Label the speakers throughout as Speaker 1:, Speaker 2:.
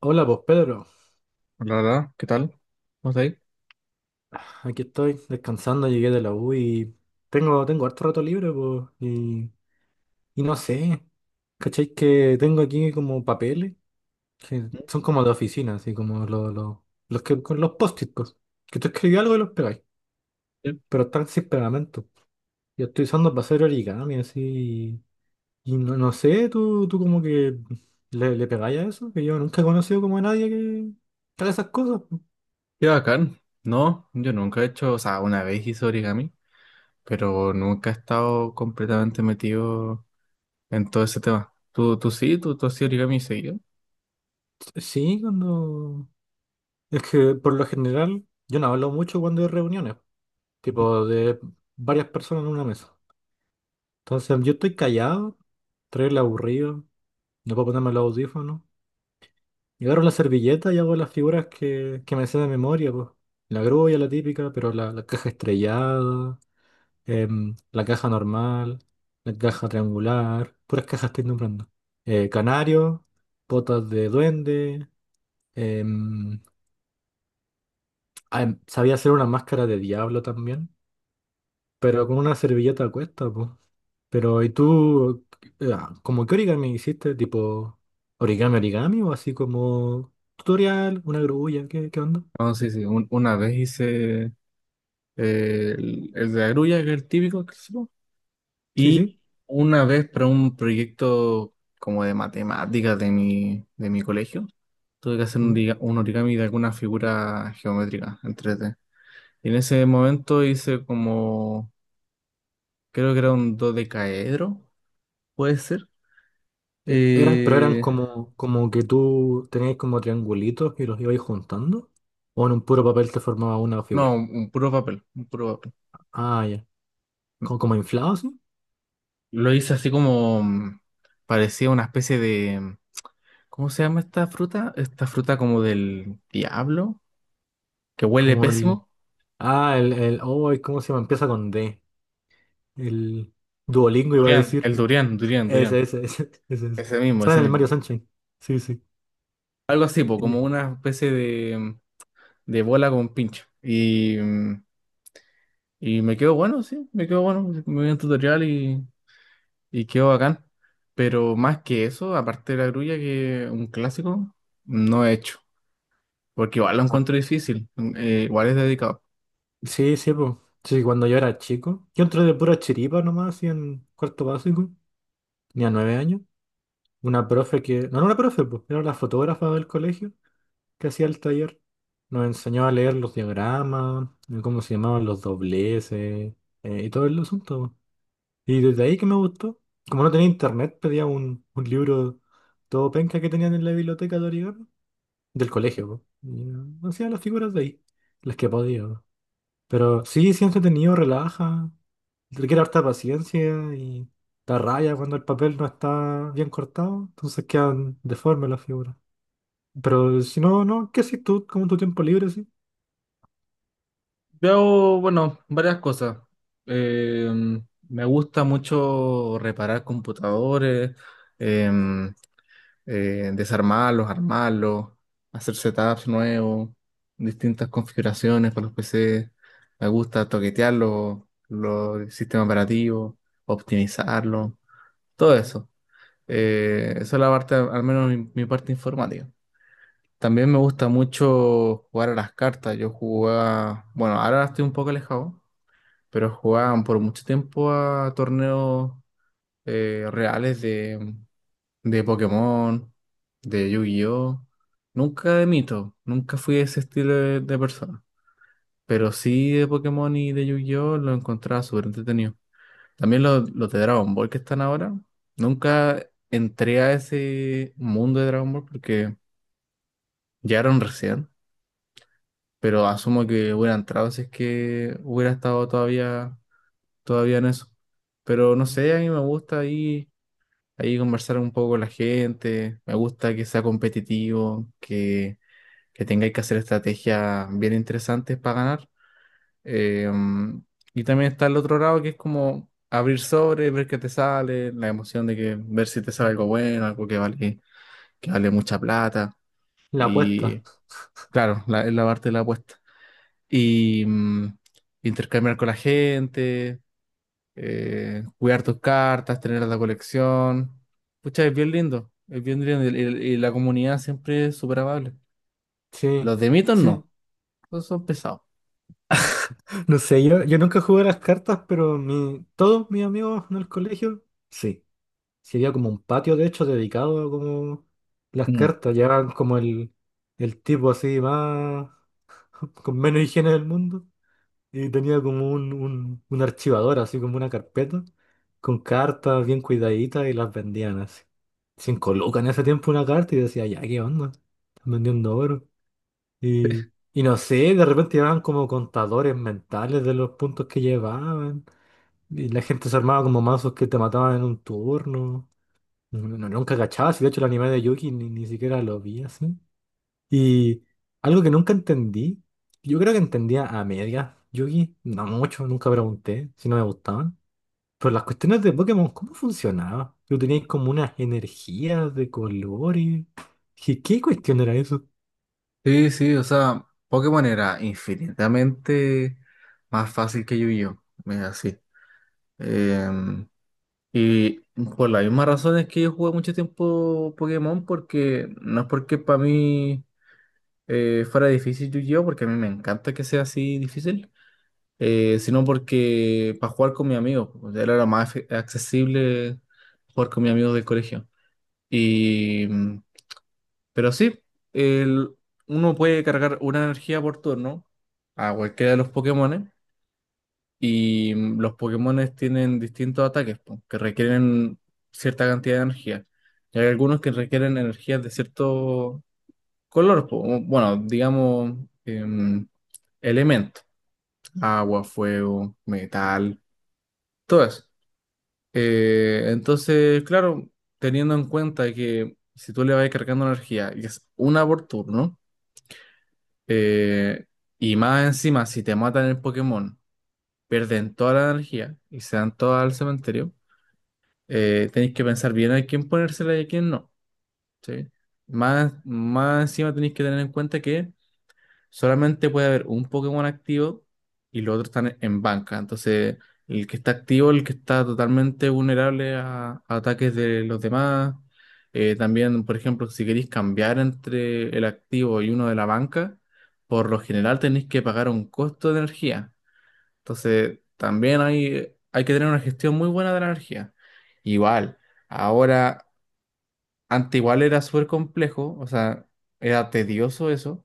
Speaker 1: Hola, pues Pedro,
Speaker 2: Hola, hola, ¿qué tal? ¿Cómo estás ahí?
Speaker 1: aquí estoy descansando, llegué de la U y tengo harto rato libre, pues, y no sé, ¿cachai? Que tengo aquí como papeles, que son como de oficina, así como los que con los post-it, pues, que tú escribís algo y los pegáis,
Speaker 2: Qué
Speaker 1: pero están sin pegamento. Yo estoy usando para hacer origami, así, y, no, no sé, tú como que le pegáis a eso, que yo nunca he conocido como a nadie que haga esas cosas.
Speaker 2: qué bacán. No, yo nunca he hecho, o sea, una vez hice origami, pero nunca he estado completamente metido en todo ese tema. ¿Tú sí? ¿Tú has origami seguido?
Speaker 1: Sí, cuando. Es que por lo general yo no hablo mucho cuando hay reuniones,
Speaker 2: Ujú.
Speaker 1: tipo de varias personas en una mesa. Entonces yo estoy callado, traigo el aburrido, no puedo ponerme los audífonos. Y agarro la servilleta y hago las figuras que me sé de memoria, pues. La grulla, la típica, pero la caja estrellada, la caja normal, la caja triangular, puras cajas estoy nombrando. Canario, botas de duende, em, sabía hacer una máscara de diablo también. Pero con una servilleta a cuesta, pues. Pero, ¿y tú, como qué origami hiciste? ¿Tipo origami, origami? ¿O así como tutorial, una grulla? ¿Qué onda?
Speaker 2: No, sí, sí. Una vez hice el de la grulla, que es el típico, que hicimos,
Speaker 1: Sí,
Speaker 2: y
Speaker 1: sí.
Speaker 2: una vez para un proyecto como de matemáticas de mi colegio, tuve que hacer un,
Speaker 1: Mm.
Speaker 2: un origami de alguna figura geométrica en tres d. Y en ese momento hice como, creo que era un dodecaedro, puede ser.
Speaker 1: Eran, pero eran
Speaker 2: Eh,
Speaker 1: como que tú tenías como triangulitos y los ibais juntando. ¿O en un puro papel te formaba una
Speaker 2: no,
Speaker 1: figura?
Speaker 2: un puro papel, un puro papel.
Speaker 1: Ah, ya. ¿Como inflado, así?
Speaker 2: Lo hice así como, parecía una especie de, ¿cómo se llama esta fruta? Esta fruta como del diablo, que huele
Speaker 1: Como el.
Speaker 2: pésimo.
Speaker 1: Ah, el. Oh, ¿cómo se llama? Empieza con D. El Duolingo iba a
Speaker 2: Durian, el
Speaker 1: decir.
Speaker 2: durian, durian,
Speaker 1: Ese,
Speaker 2: durian.
Speaker 1: ese, ese, ese, ese.
Speaker 2: Ese mismo,
Speaker 1: Sabes
Speaker 2: ese
Speaker 1: el
Speaker 2: mismo.
Speaker 1: Mario Sunshine. Sí, sí.
Speaker 2: Algo así, po, como
Speaker 1: Y-
Speaker 2: una especie de, de bola con pincho. Y, y me quedó bueno, sí, me quedó bueno. Me vi un tutorial y quedó bacán. Pero más que eso, aparte de la grulla, que un clásico, no he hecho. Porque igual lo
Speaker 1: ah,
Speaker 2: encuentro difícil, igual es dedicado.
Speaker 1: Sí, sí, pues. Sí, cuando yo era chico. Yo entré de pura chiripa nomás, así en cuarto básico. Tenía 9 años. Una profe que. No era una profe, pues. Era la fotógrafa del colegio que hacía el taller. Nos enseñó a leer los diagramas, cómo se llamaban los dobleces, y todo el asunto, po. Y desde ahí que me gustó. Como no tenía internet, pedía un libro todo penca que tenían en la biblioteca de origami del colegio, po. Y hacía las figuras de ahí, las que podía, po. Pero sí, sí entretenido, relaja, requiere harta paciencia y da raya cuando el papel no está bien cortado, entonces quedan deformes las figuras. Pero si no, no, ¿qué haces tú? Como tu tiempo libre, sí.
Speaker 2: Yo hago, bueno, varias cosas. Eh, me gusta mucho reparar computadores, em, desarmarlos, armarlos, hacer setups nuevos, distintas configuraciones para los PC. Me gusta toquetear los sistemas operativos, optimizarlos, todo eso. Esa es la parte, al menos mi, mi parte informática. También me gusta mucho jugar a las cartas. Yo jugaba, bueno, ahora estoy un poco alejado, pero jugaban por mucho tiempo a torneos reales de Pokémon, de Yu-Gi-Oh! Nunca de Mito, nunca fui ese estilo de persona. Pero sí de Pokémon y de Yu-Gi-Oh! Lo encontraba súper entretenido. También los de Dragon Ball que están ahora. Nunca entré a ese mundo de Dragon Ball porque llegaron recién, pero asumo que hubiera entrado si es que hubiera estado todavía, todavía en eso. Pero no sé, a mí me gusta ahí, ahí conversar un poco con la gente, me gusta que sea competitivo, que tengáis que hacer estrategias bien interesantes para ganar. Eh, mm, y también está el otro lado que es como abrir sobre, ver qué te sale, la emoción de que ver si te sale algo bueno, algo que vale mucha plata.
Speaker 1: La apuesta.
Speaker 2: Y claro, la, es la parte de la apuesta. Y intercambiar con la gente, cuidar tus cartas, tener la colección. Pucha, es bien lindo, es bien lindo. Y, y la comunidad siempre es súper amable.
Speaker 1: Sí,
Speaker 2: Los de mitos
Speaker 1: sí.
Speaker 2: no, esos son pesados.
Speaker 1: No sé, yo nunca jugué a las cartas, pero todos mis amigos en el colegio, sí. Sería como un patio, de hecho, dedicado a como las cartas. Llevaban como el tipo así más, con menos higiene del mundo. Y tenía como un archivador, así como una carpeta, con cartas bien cuidaditas y las vendían así. 5 lucas en ese tiempo una carta y decía, ya, ¿qué onda? Están vendiendo oro. Y no sé, de repente llevaban como contadores mentales de los puntos que llevaban. Y la gente se armaba como mazos que te mataban en un turno. No, nunca cachaba, si de hecho el anime de Yuki ni siquiera lo vi así. Y algo que nunca entendí, yo creo que entendía a medias Yuki, no mucho, nunca pregunté si no me gustaban. Pero las cuestiones de Pokémon, ¿cómo funcionaba? Yo tenía como unas energías de colores. ¿Qué cuestión era eso?
Speaker 2: Sí, sí, o sea, Pokémon era infinitamente más fácil que Yu-Gi-Oh! Es así. Em, y por la misma razón es que yo jugué mucho tiempo Pokémon, porque no es porque para mí fuera difícil Yu-Gi-Oh! Porque a mí me encanta que sea así difícil, sino porque para jugar con mis amigos, pues, era lo más accesible jugar con mis amigos del colegio. Y. mm, Pero sí, el, uno puede cargar una energía por turno a cualquiera de los Pokémones y los Pokémones tienen distintos ataques po, que requieren cierta cantidad de energía. Y hay algunos que requieren energías de cierto color, po, o, bueno, digamos, em, elemento, agua, fuego, metal, todo eso. Entonces, claro, teniendo en cuenta que si tú le vas cargando energía y es una por turno, Eh, y más encima, si te matan el Pokémon, pierden toda la energía y se dan toda al cementerio. Tenéis que pensar bien a quién ponérsela y a quién no. ¿Sí? Más, más encima tenéis que tener en cuenta que solamente puede haber un Pokémon activo y los otros están en banca. Entonces, el que está activo, el que está totalmente vulnerable a ataques de los demás. También, por ejemplo, si queréis cambiar entre el activo y uno de la banca, por lo general tenéis que pagar un costo de energía. Entonces, también hay que tener una gestión muy buena de la energía. Igual, ahora, antes igual era súper complejo, o sea, era tedioso eso,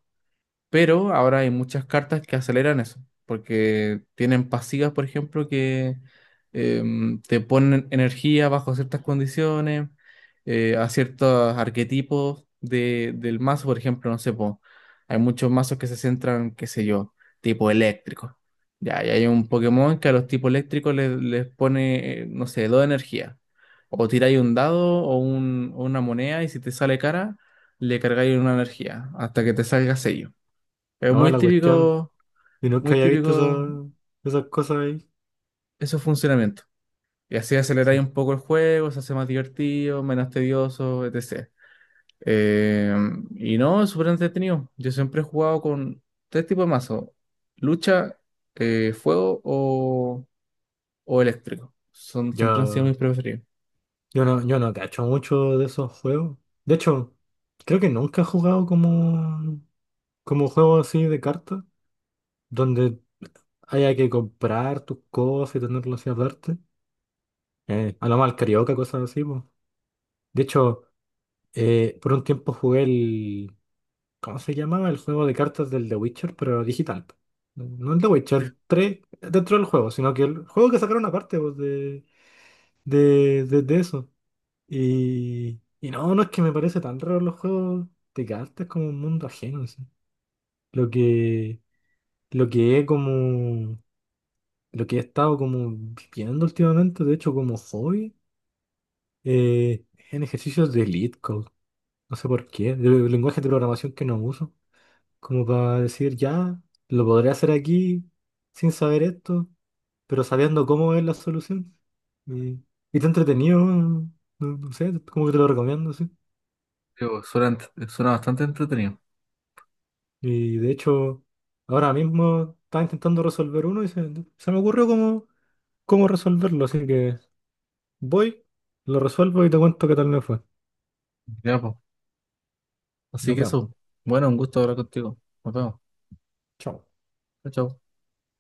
Speaker 2: pero ahora hay muchas cartas que aceleran eso, porque tienen pasivas, por ejemplo, que te ponen energía bajo ciertas condiciones, a ciertos arquetipos del mazo, por ejemplo, no sé, po, hay muchos mazos que se centran, qué sé yo, tipo eléctrico. Ya, y hay un Pokémon que a los tipos eléctricos les, les pone, no sé, dos energía. O tiráis un dado o, o una moneda y si te sale cara, le cargáis una energía hasta que te salga sello. Es
Speaker 1: No, la cuestión, yo,
Speaker 2: muy
Speaker 1: nunca había visto
Speaker 2: típico
Speaker 1: esa- esas cosas ahí.
Speaker 2: esos funcionamientos. Y así aceleráis
Speaker 1: Sí.
Speaker 2: un poco el juego, se hace más divertido, menos tedioso, etc. Eh, y no, es súper entretenido. Yo siempre he jugado con tres tipos de mazo. Lucha, fuego o eléctrico. Son, siempre han sido
Speaker 1: Yo,
Speaker 2: mis preferidos.
Speaker 1: yo no cacho mucho de esos juegos. De hecho, creo que nunca he jugado como. Como juego así de cartas, donde haya que comprar tus cosas y tenerlas así aparte. A lo mal carioca, cosas así, po. De hecho, por un tiempo jugué el. ¿Cómo se llamaba? El juego de cartas del The Witcher, pero digital, po. No el The Witcher 3 dentro del juego, sino que el juego que sacaron aparte po, de eso. Y no, no es que me parece tan raro los juegos de cartas como un mundo ajeno, así. Lo que, lo que, es como. Lo que he estado como viendo últimamente, de hecho, como hobby, eh, en ejercicios de Elite Code. No sé por qué, de lenguaje de programación que no uso. Como para decir, ya, lo podré hacer aquí sin saber esto, pero sabiendo cómo es la solución. Y, y te entretenido, no, no sé, como que te lo recomiendo, sí.
Speaker 2: Digo, suena, suena bastante entretenido.
Speaker 1: Y de hecho, ahora mismo estaba intentando resolver uno y se me ocurrió cómo resolverlo, así que voy, lo resuelvo y te cuento qué tal me fue.
Speaker 2: Ya, po. Así
Speaker 1: Nos
Speaker 2: que
Speaker 1: vemos.
Speaker 2: eso. Bueno, un gusto hablar contigo. Nos vemos.
Speaker 1: Chao.
Speaker 2: Chao, chao.